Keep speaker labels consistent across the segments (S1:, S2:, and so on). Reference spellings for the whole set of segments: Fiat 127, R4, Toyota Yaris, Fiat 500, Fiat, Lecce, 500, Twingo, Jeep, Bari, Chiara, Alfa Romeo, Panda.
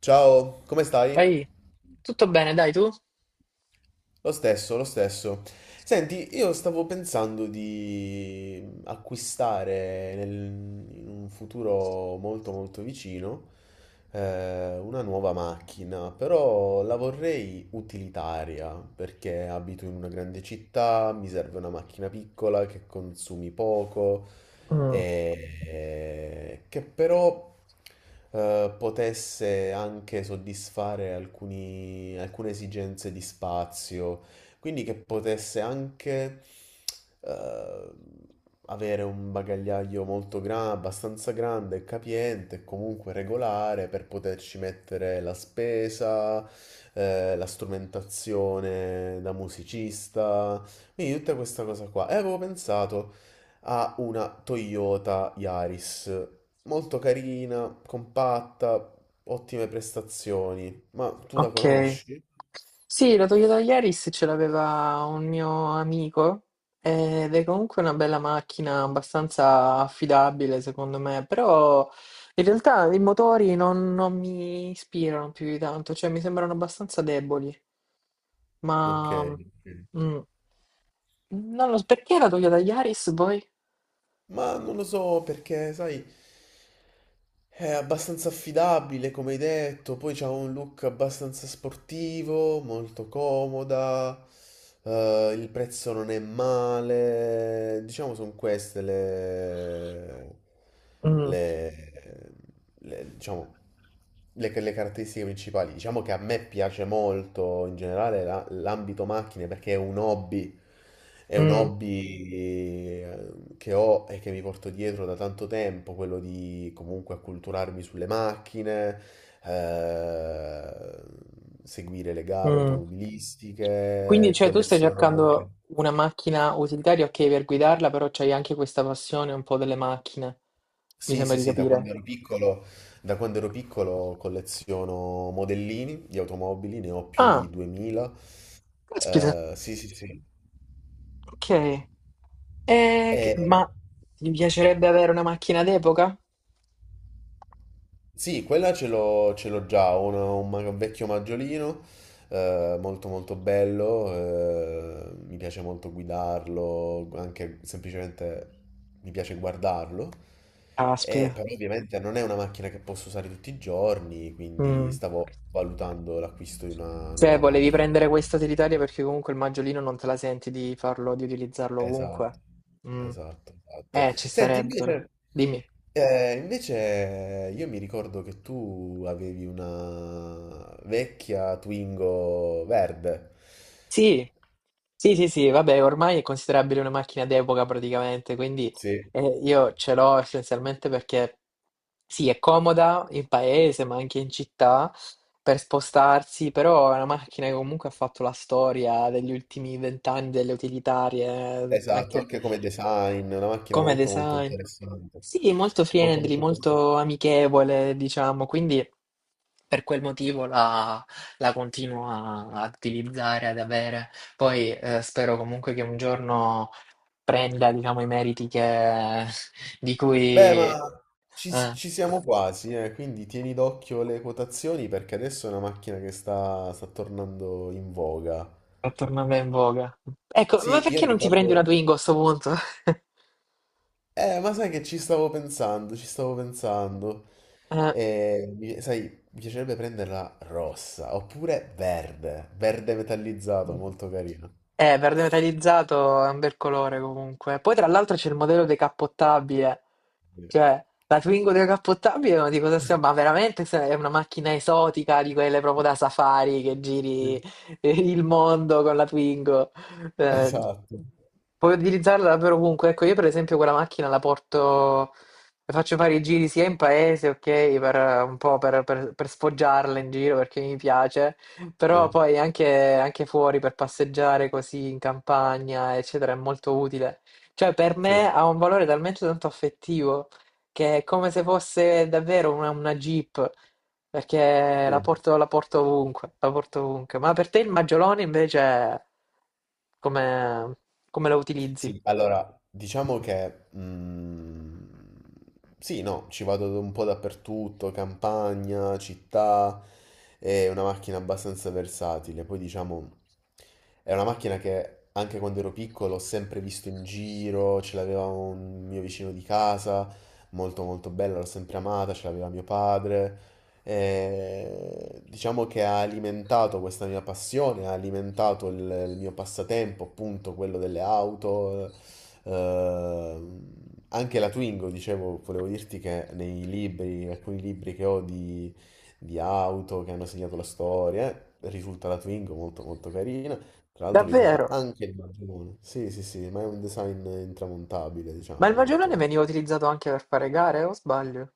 S1: Ciao, come stai?
S2: Ehi, tutto bene, dai tu?
S1: Lo stesso, lo stesso. Senti, io stavo pensando di acquistare in un futuro molto molto vicino, una nuova macchina, però la vorrei utilitaria perché abito in una grande città, mi serve una macchina piccola che consumi poco,
S2: Mm,
S1: e che però potesse anche soddisfare alcune esigenze di spazio, quindi che potesse anche eh, avere un bagagliaio molto grande, abbastanza grande, e capiente e comunque regolare per poterci mettere la spesa, la strumentazione da musicista, quindi tutta questa cosa qua. E avevo pensato ha una Toyota Yaris, molto carina, compatta, ottime prestazioni. Ma tu la
S2: ok.
S1: conosci?
S2: Sì, la Toyota Yaris ce l'aveva un mio amico ed è comunque una bella macchina, abbastanza affidabile secondo me, però in realtà i motori non mi ispirano più di tanto, cioè mi sembrano abbastanza deboli, ma
S1: Ok, ok.
S2: mm, non lo so, perché la Toyota Yaris voi?
S1: Ma non lo so perché, sai, è abbastanza affidabile, come hai detto, poi c'ha un look abbastanza sportivo, molto comoda, il prezzo non è male, diciamo sono queste,
S2: Mm,
S1: le, diciamo, le caratteristiche principali. Diciamo che a me piace molto in generale l'ambito macchine perché è un hobby, è un
S2: mm,
S1: hobby, che ho e che mi porto dietro da tanto tempo, quello di comunque acculturarmi sulle macchine, eh, seguire le gare
S2: mm. Quindi,
S1: automobilistiche,
S2: cioè, tu stai
S1: colleziono anche.
S2: cercando una macchina utilitaria, ok, per guidarla, però c'hai anche questa passione un po' delle macchine, mi
S1: Sì,
S2: sembra
S1: sì,
S2: di
S1: sì, da quando
S2: capire.
S1: ero piccolo, colleziono modellini di automobili, ne ho più di
S2: Ah,
S1: 2000.
S2: caspita,
S1: Sì, sì, sì.
S2: ok. E ma
S1: E,
S2: ti piacerebbe avere una macchina d'epoca?
S1: Sì, quella ce l'ho già, ho un vecchio maggiolino, molto molto bello, mi piace molto guidarlo, anche semplicemente mi piace guardarlo, e
S2: Caspita.
S1: però, sì, ovviamente non è una macchina che posso usare tutti i giorni, quindi
S2: Mm.
S1: stavo valutando l'acquisto di una
S2: Cioè,
S1: nuova
S2: volevi
S1: macchina.
S2: prendere questa utilitaria perché comunque il maggiolino non te la senti di farlo, di utilizzarlo ovunque.
S1: Esatto,
S2: Mm.
S1: esatto, esatto.
S2: Ci
S1: Senti,
S2: starebbero.
S1: invece,
S2: Dimmi.
S1: io mi ricordo che tu avevi una vecchia Twingo verde.
S2: Sì, sì, sì, sì, vabbè, ormai è considerabile una macchina d'epoca praticamente, quindi
S1: Sì,
S2: io ce l'ho essenzialmente perché sì, è comoda in paese, ma anche in città per spostarsi, però è una macchina che comunque ha fatto la storia degli ultimi vent'anni delle utilitarie,
S1: esatto,
S2: anche
S1: anche come design, una macchina
S2: come
S1: molto molto
S2: design.
S1: interessante.
S2: Sì, molto
S1: Molto
S2: friendly,
S1: molto interessante.
S2: molto amichevole, diciamo, quindi. Per quel motivo la continuo a utilizzare, ad avere. Poi spero comunque che un giorno prenda, diciamo, i meriti di
S1: Beh,
S2: cui
S1: ma ci siamo quasi, quindi tieni d'occhio le quotazioni perché adesso è una macchina che sta tornando in voga.
S2: è tornata in voga. Ecco, ma
S1: Sì, io
S2: perché non ti prendi una
S1: ricordo.
S2: Twingo a sto punto?
S1: Ma sai che ci stavo pensando, ci stavo pensando.
S2: Eh,
S1: Sai, mi piacerebbe prenderla rossa, oppure verde, verde metallizzato, molto carino.
S2: verde metallizzato è un bel colore comunque. Poi tra l'altro c'è il modello decappottabile.
S1: Sì.
S2: Cioè, la Twingo decappottabile, ma di cosa stiamo? Ma veramente è una macchina esotica di quelle proprio da safari che giri il mondo con la Twingo. Eh,
S1: Esatto,
S2: puoi utilizzarla davvero ovunque. Ecco, io per esempio quella macchina la porto, le faccio fare i giri sia in paese, ok, per un po' per sfoggiarla in giro perché mi piace,
S1: sì,
S2: però poi anche fuori per passeggiare così in campagna, eccetera, è molto utile. Cioè, per
S1: sì,
S2: me ha un valore talmente tanto affettivo che è come se fosse davvero una Jeep, perché la
S1: sì.
S2: porto, la porto ovunque, la porto ovunque. Ma per te il maggiolone invece come, come lo utilizzi?
S1: Sì, allora, diciamo che sì, no, ci vado un po' dappertutto, campagna, città, è una macchina abbastanza versatile. Poi diciamo, è una macchina che anche quando ero piccolo ho sempre visto in giro, ce l'aveva un mio vicino di casa, molto molto bella, l'ho sempre amata, ce l'aveva mio padre. Diciamo che ha alimentato questa mia passione, ha alimentato il mio passatempo, appunto quello delle auto, eh, anche la Twingo, dicevo, volevo dirti che nei libri, alcuni libri che ho di auto che hanno segnato la storia, risulta la Twingo molto molto carina, tra l'altro risulta
S2: Davvero?
S1: anche il maglione, sì sì sì, ma è un design intramontabile, diciamo,
S2: Ma il maggiolone
S1: molto.
S2: veniva utilizzato anche per fare gare, o sbaglio?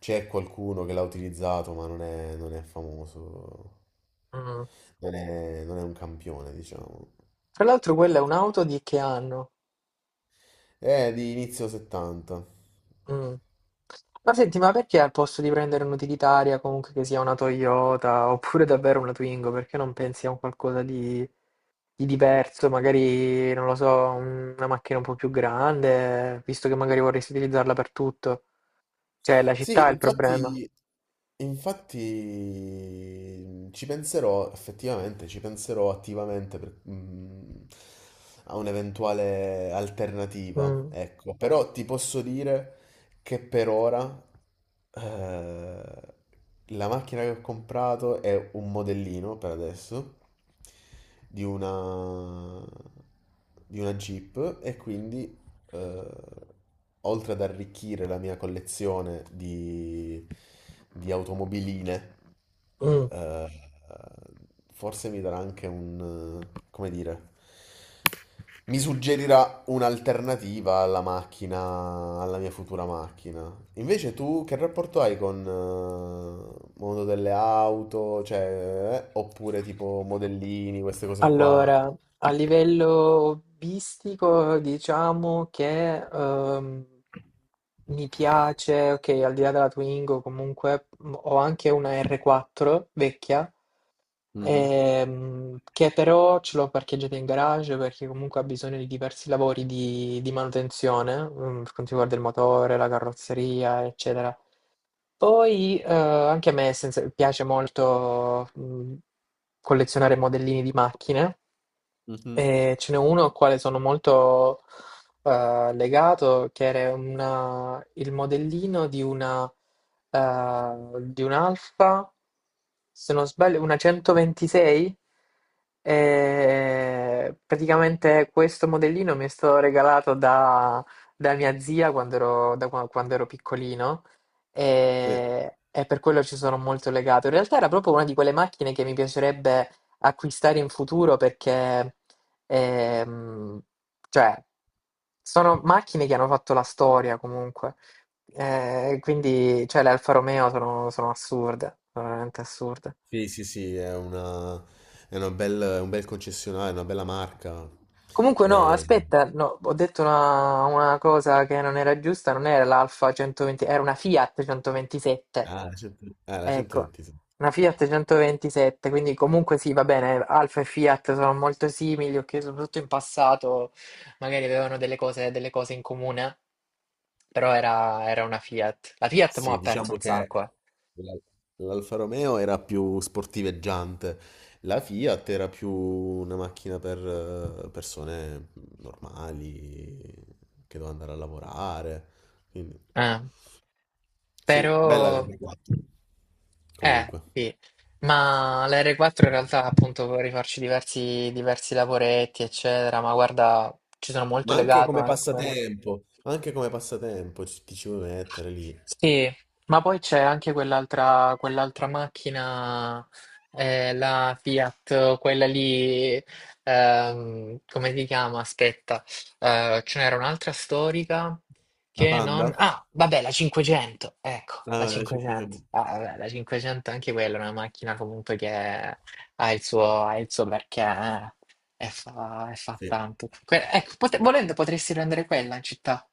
S1: C'è qualcuno che l'ha utilizzato, ma non è famoso.
S2: Mm.
S1: Non è un campione, diciamo.
S2: Tra l'altro quella è un'auto di che anno?
S1: È di inizio 70.
S2: Mm. Ma senti, ma perché al posto di prendere un'utilitaria comunque che sia una Toyota oppure davvero una Twingo, perché non pensi a un qualcosa di diverso, magari, non lo so, una macchina un po' più grande, visto che magari vorresti utilizzarla per tutto? Cioè, la città
S1: Sì,
S2: è il problema.
S1: infatti, ci penserò effettivamente, ci penserò attivamente a un'eventuale alternativa,
S2: Mm,
S1: ecco. Però ti posso dire che per ora, eh, la macchina che ho comprato è un modellino per adesso di una, di una Jeep, e quindi, eh, oltre ad arricchire la mia collezione di automobiline,
S2: mm.
S1: eh, forse mi darà anche come dire, mi suggerirà un'alternativa alla macchina, alla mia futura macchina. Invece tu che rapporto hai con, mondo delle auto, cioè, oppure tipo modellini, queste cose qua?
S2: Allora, a livello hobbistico, diciamo che mi piace, ok, al di là della Twingo, comunque ho anche una R4 vecchia,
S1: Mhm,
S2: che però ce l'ho parcheggiata in garage perché comunque ha bisogno di diversi lavori di manutenzione, per quanto riguarda il motore, la carrozzeria, eccetera. Poi anche a me piace molto collezionare modellini di macchine.
S1: mhm.
S2: E ce n'è uno al quale sono molto legato, che era il modellino eh, di un'Alfa, se non sbaglio, una 126. E praticamente questo modellino mi è stato regalato da mia zia quando ero piccolino
S1: Sì.
S2: e per quello ci sono molto legato. In realtà era proprio una di quelle macchine che mi piacerebbe acquistare in futuro perché Ehm, cioè, sono macchine che hanno fatto la storia comunque. Quindi, cioè, le Alfa Romeo sono assurde, sono veramente assurde.
S1: Sì, sì, sì, è un bel concessionario, una bella marca.
S2: Comunque, no,
S1: E-
S2: aspetta, no, ho detto una cosa che non era giusta, non era l'Alfa 120, era una Fiat 127.
S1: ah, la 100, ah, la
S2: Ecco,
S1: 126.
S2: una Fiat 127, quindi comunque sì, va bene, Alfa e Fiat sono molto simili, ok, soprattutto in passato magari avevano delle cose in comune. Però era una Fiat. La Fiat mo'
S1: Sì,
S2: ha perso
S1: diciamo
S2: un
S1: che
S2: sacco, eh.
S1: la- l'Alfa Romeo era più sportiveggiante, la Fiat era più una macchina per persone normali che devono andare a lavorare. Quindi,
S2: Eh,
S1: sì, bella la
S2: però,
S1: 4 comunque.
S2: sì. Ma la R4 in realtà appunto può rifarci diversi lavoretti, eccetera, ma guarda, ci sono molto
S1: Ma anche
S2: legato
S1: come
S2: anche a quello.
S1: passatempo, ti ci vuoi mettere lì.
S2: Sì, ma poi c'è anche quell'altra macchina, la Fiat, quella lì, come si chiama? Aspetta, ce n'era un'altra storica
S1: La
S2: che
S1: Panda?
S2: non... Ah, vabbè, la 500, ecco, la
S1: Ah,
S2: 500.
S1: 500.
S2: Ah, vabbè, la 500 anche quella è una macchina comunque che ha il suo perché, e fa
S1: Sì.
S2: tanto. Ecco, volendo potresti prendere quella in città.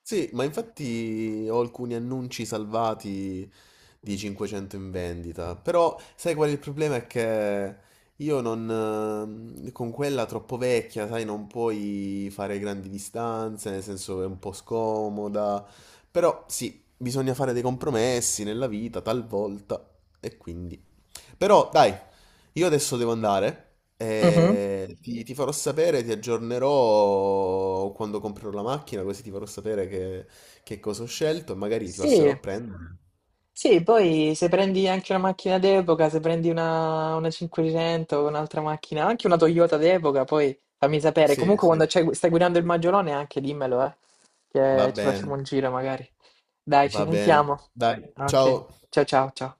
S1: Sì, ma infatti ho alcuni annunci salvati di 500 in vendita, però sai qual è il problema? È che io non, con quella troppo vecchia, sai, non puoi fare grandi distanze, nel senso è un po' scomoda, però sì, bisogna fare dei compromessi nella vita, talvolta, e quindi. Però dai, io adesso devo andare.
S2: Mhm.
S1: Ti farò sapere, ti aggiornerò quando comprerò la macchina, così ti farò sapere che cosa ho scelto e magari ti passerò
S2: Sì,
S1: a prendere.
S2: sì, poi se prendi anche una macchina d'epoca, se prendi una 500, un'altra macchina, anche una Toyota d'epoca, poi fammi sapere.
S1: Sì,
S2: Comunque
S1: sì,
S2: quando stai guidando il Maggiolone anche dimmelo,
S1: va
S2: che ci facciamo
S1: bene,
S2: un giro magari. Dai, ci
S1: va bene.
S2: sentiamo.
S1: Dai,
S2: Ok,
S1: ciao.
S2: ciao ciao ciao.